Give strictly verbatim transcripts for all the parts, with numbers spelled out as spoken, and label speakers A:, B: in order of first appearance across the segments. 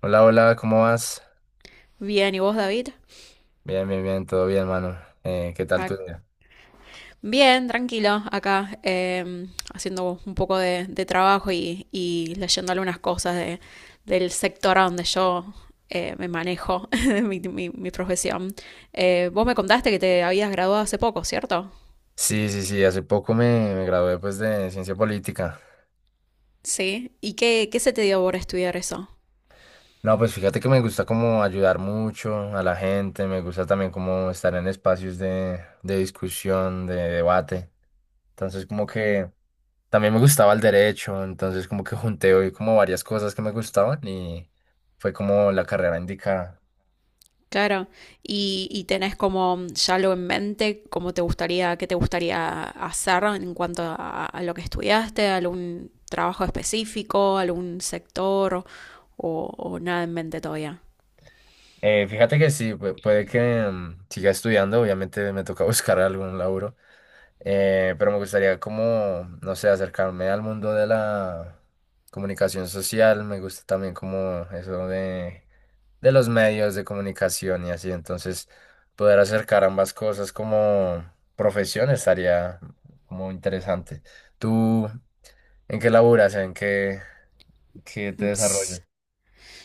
A: Hola, hola, ¿cómo vas?
B: Bien, ¿y vos, David?
A: Bien, bien, bien, todo bien, mano. Eh, ¿qué tal tu
B: Ac-
A: día?
B: Bien, tranquilo, acá em, haciendo un poco de, de trabajo y, y leyendo algunas cosas de- del sector a donde yo eh, me manejo, de mi, mi- mi profesión. Eh, vos me contaste que te habías graduado hace poco, ¿cierto?
A: Sí, sí, sí, hace poco me, me gradué pues de ciencia política.
B: Sí. ¿Y qué, qué se te dio por estudiar eso?
A: No, pues fíjate que me gusta como ayudar mucho a la gente, me gusta también como estar en espacios de, de discusión, de debate. Entonces como que también me gustaba el derecho, entonces como que junté hoy como varias cosas que me gustaban y fue como la carrera indicada.
B: Claro, y, y tenés como ya lo en mente, cómo te gustaría, qué te gustaría hacer en cuanto a, a lo que estudiaste, algún trabajo específico, algún sector o, o nada en mente todavía.
A: Eh, fíjate que sí, pu- puede que mm, siga estudiando, obviamente me toca buscar algún laburo, eh, pero me gustaría como, no sé, acercarme al mundo de la comunicación social, me gusta también como eso de, de los medios de comunicación y así, entonces poder acercar ambas cosas como profesión estaría como interesante. ¿Tú en qué laburas? ¿En qué, qué te
B: Ps.
A: desarrollas?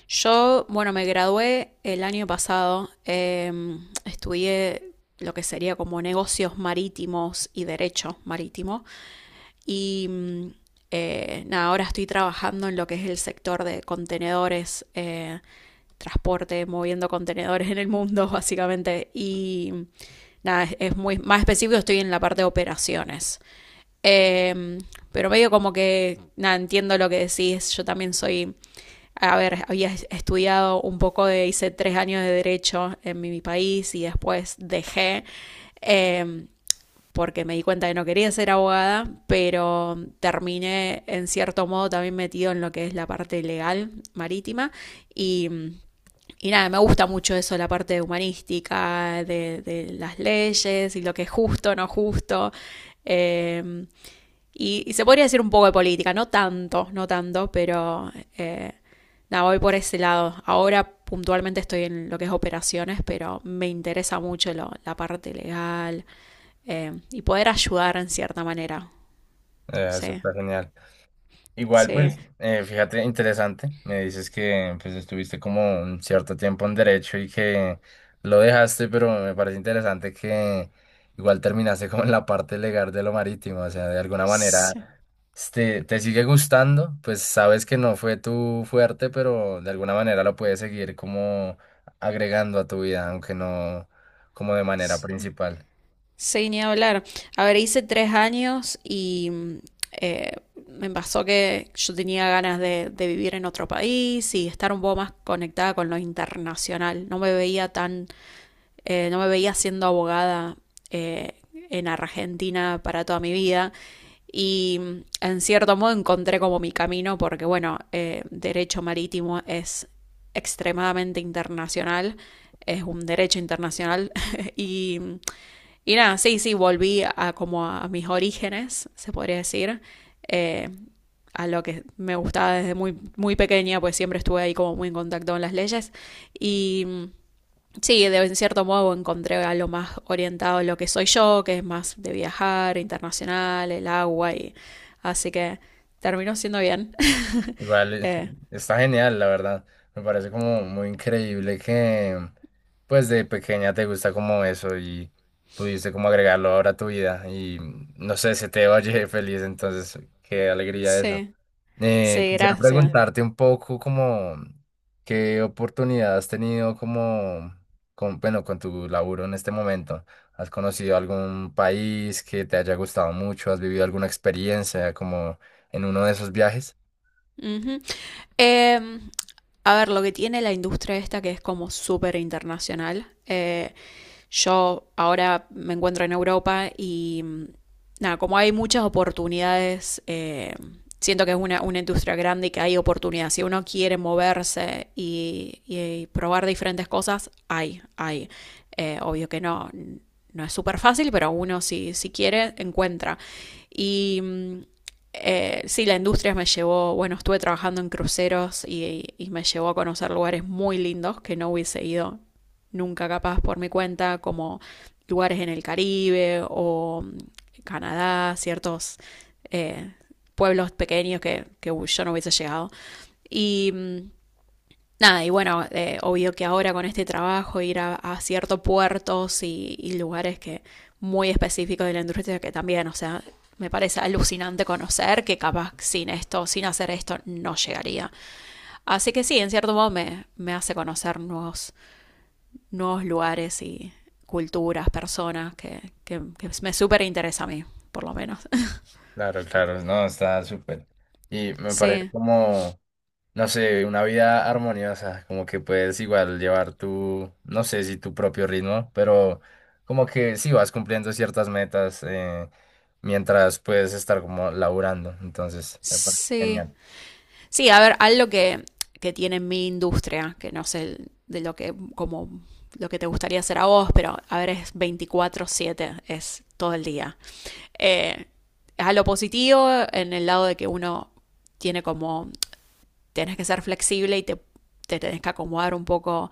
B: Yo, bueno, me gradué el año pasado, em, estudié lo que sería como negocios marítimos y derecho marítimo y mm, eh, nada, ahora estoy trabajando en lo que es el sector de contenedores. Eh, transporte, moviendo contenedores en el mundo, básicamente. Y nada, es, es muy más específico, estoy en la parte de operaciones. Eh, pero medio como que, nada, entiendo lo que decís, yo también soy, a ver, había estudiado un poco de, hice tres años de derecho en mi, mi país y después dejé. Eh, Porque me di cuenta que no quería ser abogada, pero terminé en cierto modo también metido en lo que es la parte legal marítima y y nada, me gusta mucho eso, la parte humanística, de, de las leyes y lo que es justo, no justo. Eh, y, y, se podría decir un poco de política, no tanto, no tanto, pero eh, nada, voy por ese lado. Ahora puntualmente estoy en lo que es operaciones, pero me interesa mucho lo, la parte legal eh, y poder ayudar en cierta manera.
A: Eh,
B: Sí,
A: eso está genial. Igual,
B: sí,
A: pues, eh, fíjate, interesante. Me dices que pues estuviste como un cierto tiempo en derecho y que lo dejaste, pero me parece interesante que igual terminaste como en la parte legal de lo marítimo, o sea, de alguna manera
B: sí,
A: este, te sigue gustando, pues sabes que no fue tu fuerte, pero de alguna manera lo puedes seguir como agregando a tu vida, aunque no como de manera
B: sí.
A: principal.
B: Sí, ni hablar. A ver, hice tres años y mm, eh, me pasó que yo tenía ganas de, de vivir en otro país y estar un poco más conectada con lo internacional. No me veía tan, eh, no me veía siendo abogada eh, en Argentina para toda mi vida. Y mm, en cierto modo encontré como mi camino porque, bueno, eh, derecho marítimo es extremadamente internacional, es un derecho internacional y mm, y nada, sí, sí, volví a como a mis orígenes, se podría decir, eh, a lo que me gustaba desde muy, muy pequeña, pues siempre estuve ahí como muy en contacto con las leyes. Y mm, sí, de, en cierto modo encontré algo más orientado a lo que soy yo, que es más de viajar, internacional, el agua, y así que terminó siendo bien.
A: Igual, eh,
B: eh,
A: está genial, la verdad. Me parece como muy increíble que, pues, de pequeña te gusta como eso y pudiste como agregarlo ahora a tu vida. Y no sé, se te oye feliz, entonces, qué alegría eso.
B: sí,
A: Eh,
B: sí,
A: quisiera
B: gracias.
A: preguntarte un poco como qué oportunidad has tenido como, con, bueno, con tu laburo en este momento. ¿Has conocido algún país que te haya gustado mucho? ¿Has vivido alguna experiencia como en uno de esos viajes?
B: Ujú. Eh, a ver, lo que tiene la industria esta que es como súper internacional. eh, Yo ahora me encuentro en Europa y nada, como hay muchas oportunidades, eh, siento que es una, una, industria grande y que hay oportunidades. Si uno quiere moverse y, y probar diferentes cosas, hay, hay. Eh, obvio que no, no es súper fácil, pero uno si, si quiere, encuentra. Y eh, sí, la industria me llevó, bueno, estuve trabajando en cruceros y, y, me llevó a conocer lugares muy lindos que no hubiese ido nunca capaz por mi cuenta, como lugares en el Caribe o mm, Canadá, ciertos eh, pueblos pequeños que, que yo no hubiese llegado. Y mm, nada, y bueno, eh, obvio que ahora con este trabajo ir a, a ciertos puertos y, y, lugares que muy específicos de la industria que también, o sea, me parece alucinante conocer que capaz sin esto, sin hacer esto, no llegaría. Así que sí, en cierto modo me, me hace conocer nuevos nuevos lugares y culturas, personas, que, que, que me súper interesa a mí, por lo menos.
A: Claro, claro, no, está súper. Y me parece
B: Sí,
A: como, no sé, una vida armoniosa, como que puedes igual llevar tu, no sé si tu propio ritmo, pero como que sí vas cumpliendo ciertas metas eh, mientras puedes estar como laburando, entonces me parece
B: sí.
A: genial.
B: Sí, a ver, algo que, que tiene mi industria, que no sé de lo que, como lo que te gustaría hacer a vos, pero a ver, es veinticuatro siete, es todo el día. Eh, es a lo positivo en el lado de que uno tiene como, tienes que ser flexible y te, te tenés que acomodar un poco.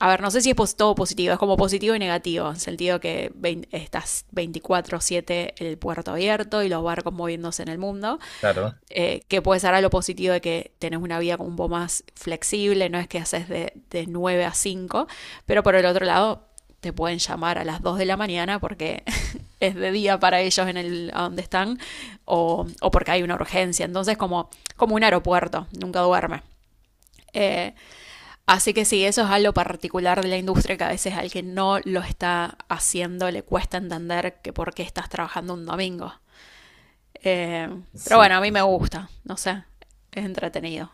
B: A ver, no sé si es todo positivo, es como positivo y negativo, en el sentido que estás veinticuatro siete, el puerto abierto y los barcos moviéndose en el mundo,
A: Claro,
B: eh, que puede ser algo positivo de que tenés una vida como un poco más flexible, no es que haces de, de nueve a cinco, pero por el otro lado te pueden llamar a las dos de la mañana porque es de día para ellos en el a donde están o, o porque hay una urgencia, entonces como, como, un aeropuerto, nunca duerme. Eh, Así que sí, eso es algo particular de la industria que a veces al que no lo está haciendo le cuesta entender que por qué estás trabajando un domingo. Eh, pero
A: sí,
B: bueno, a mí
A: sí.
B: me
A: Sí.
B: gusta, no sé, es entretenido.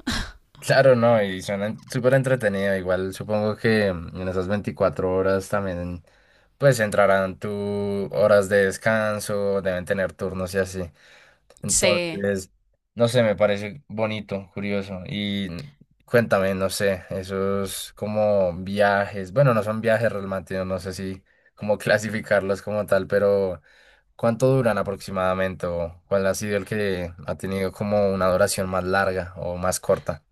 A: Claro, no, y suena en- súper entretenido, igual supongo que mm, en esas veinticuatro horas también, pues entrarán tus horas de descanso, deben tener turnos y así.
B: Sí,
A: Entonces, no sé, me parece bonito, curioso. Y cuéntame, no sé, esos como viajes, bueno, no son viajes realmente, no sé si cómo clasificarlos como tal, pero ¿cuánto duran aproximadamente? ¿O cuál ha sido el que ha tenido como una duración más larga o más corta?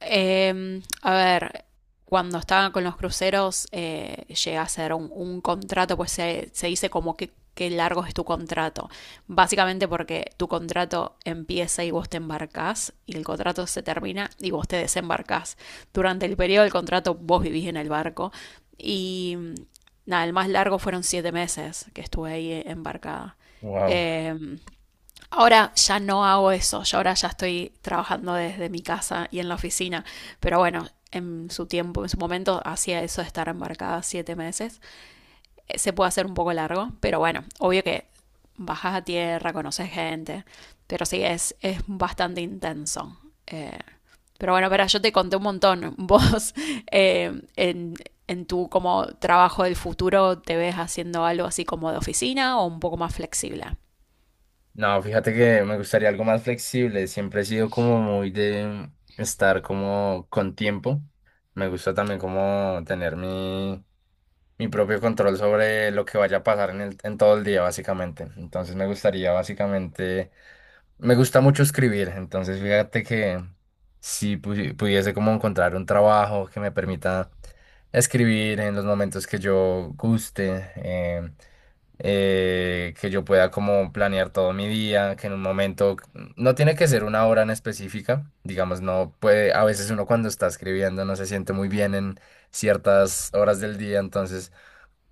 B: Eh, a ver, cuando estaba con los cruceros, eh, llega a ser un, un contrato, pues se, se dice como que qué largo es tu contrato. Básicamente porque tu contrato empieza y vos te embarcás y el contrato se termina y vos te desembarcás. Durante el periodo del contrato vos vivís en el barco y nada, el más largo fueron siete meses que estuve ahí embarcada.
A: Wow.
B: Eh, Ahora ya no hago eso, yo ahora ya estoy trabajando desde mi casa y en la oficina, pero bueno, en su tiempo, en su momento, hacía eso de estar embarcada siete meses. Eh, Se puede hacer un poco largo, pero bueno, obvio que bajas a tierra, conoces gente, pero sí, es, es bastante intenso. Eh, pero bueno, pero yo te conté un montón. Vos eh, en, en tu como trabajo del futuro te ves haciendo algo así como de oficina o un poco más flexible.
A: No, fíjate que me gustaría algo más flexible. Siempre he sido como muy de estar como con tiempo. Me gusta también como tener mi mi propio control sobre lo que vaya a pasar en el, en todo el día, básicamente. Entonces me gustaría, básicamente, me gusta mucho escribir, entonces fíjate que si pu- pudiese como encontrar un trabajo que me permita escribir en los momentos que yo guste, eh, eh, que yo pueda como planear todo mi día, que en un momento, no tiene que ser una hora en específica, digamos, no puede, a veces uno cuando está escribiendo no se siente muy bien en ciertas horas del día, entonces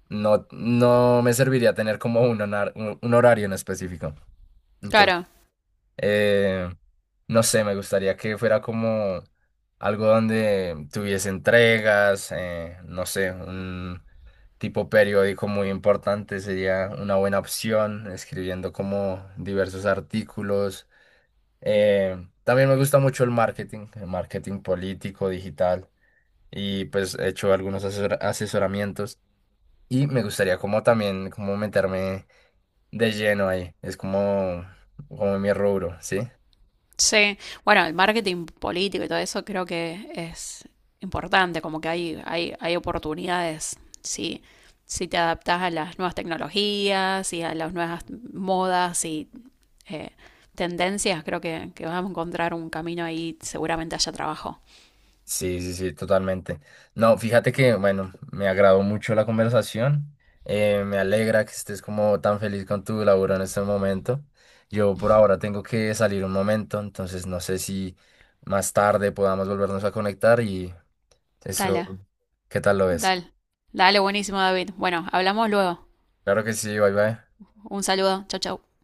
A: no, no me serviría tener como un, honar- un- un horario en específico. Entonces,
B: Claro,
A: eh, no sé, me gustaría que fuera como algo donde tuviese entregas, eh, no sé, un tipo periódico muy importante sería una buena opción, escribiendo como diversos artículos. Eh, También me gusta mucho el marketing, el marketing político, digital, y pues he hecho algunos asesor- asesoramientos. Y me gustaría como también como meterme de lleno ahí. Es como, como mi rubro, ¿sí?
B: sí, bueno, el marketing político y todo eso creo que es importante, como que hay, hay, hay oportunidades si, si te adaptas a las nuevas tecnologías y a las nuevas modas y eh, tendencias, creo que, que vas a encontrar un camino ahí, seguramente haya trabajo.
A: Sí, sí, sí, totalmente. No, fíjate que, bueno, me agradó mucho la conversación. Eh, me alegra que estés como tan feliz con tu laburo en este momento. Yo por ahora tengo que salir un momento, entonces no sé si más tarde podamos volvernos a conectar y
B: Dale,
A: eso, ¿qué tal lo ves?
B: dale, dale, buenísimo, David. Bueno, hablamos luego.
A: Claro que sí, bye bye.
B: Un saludo, chau, chau.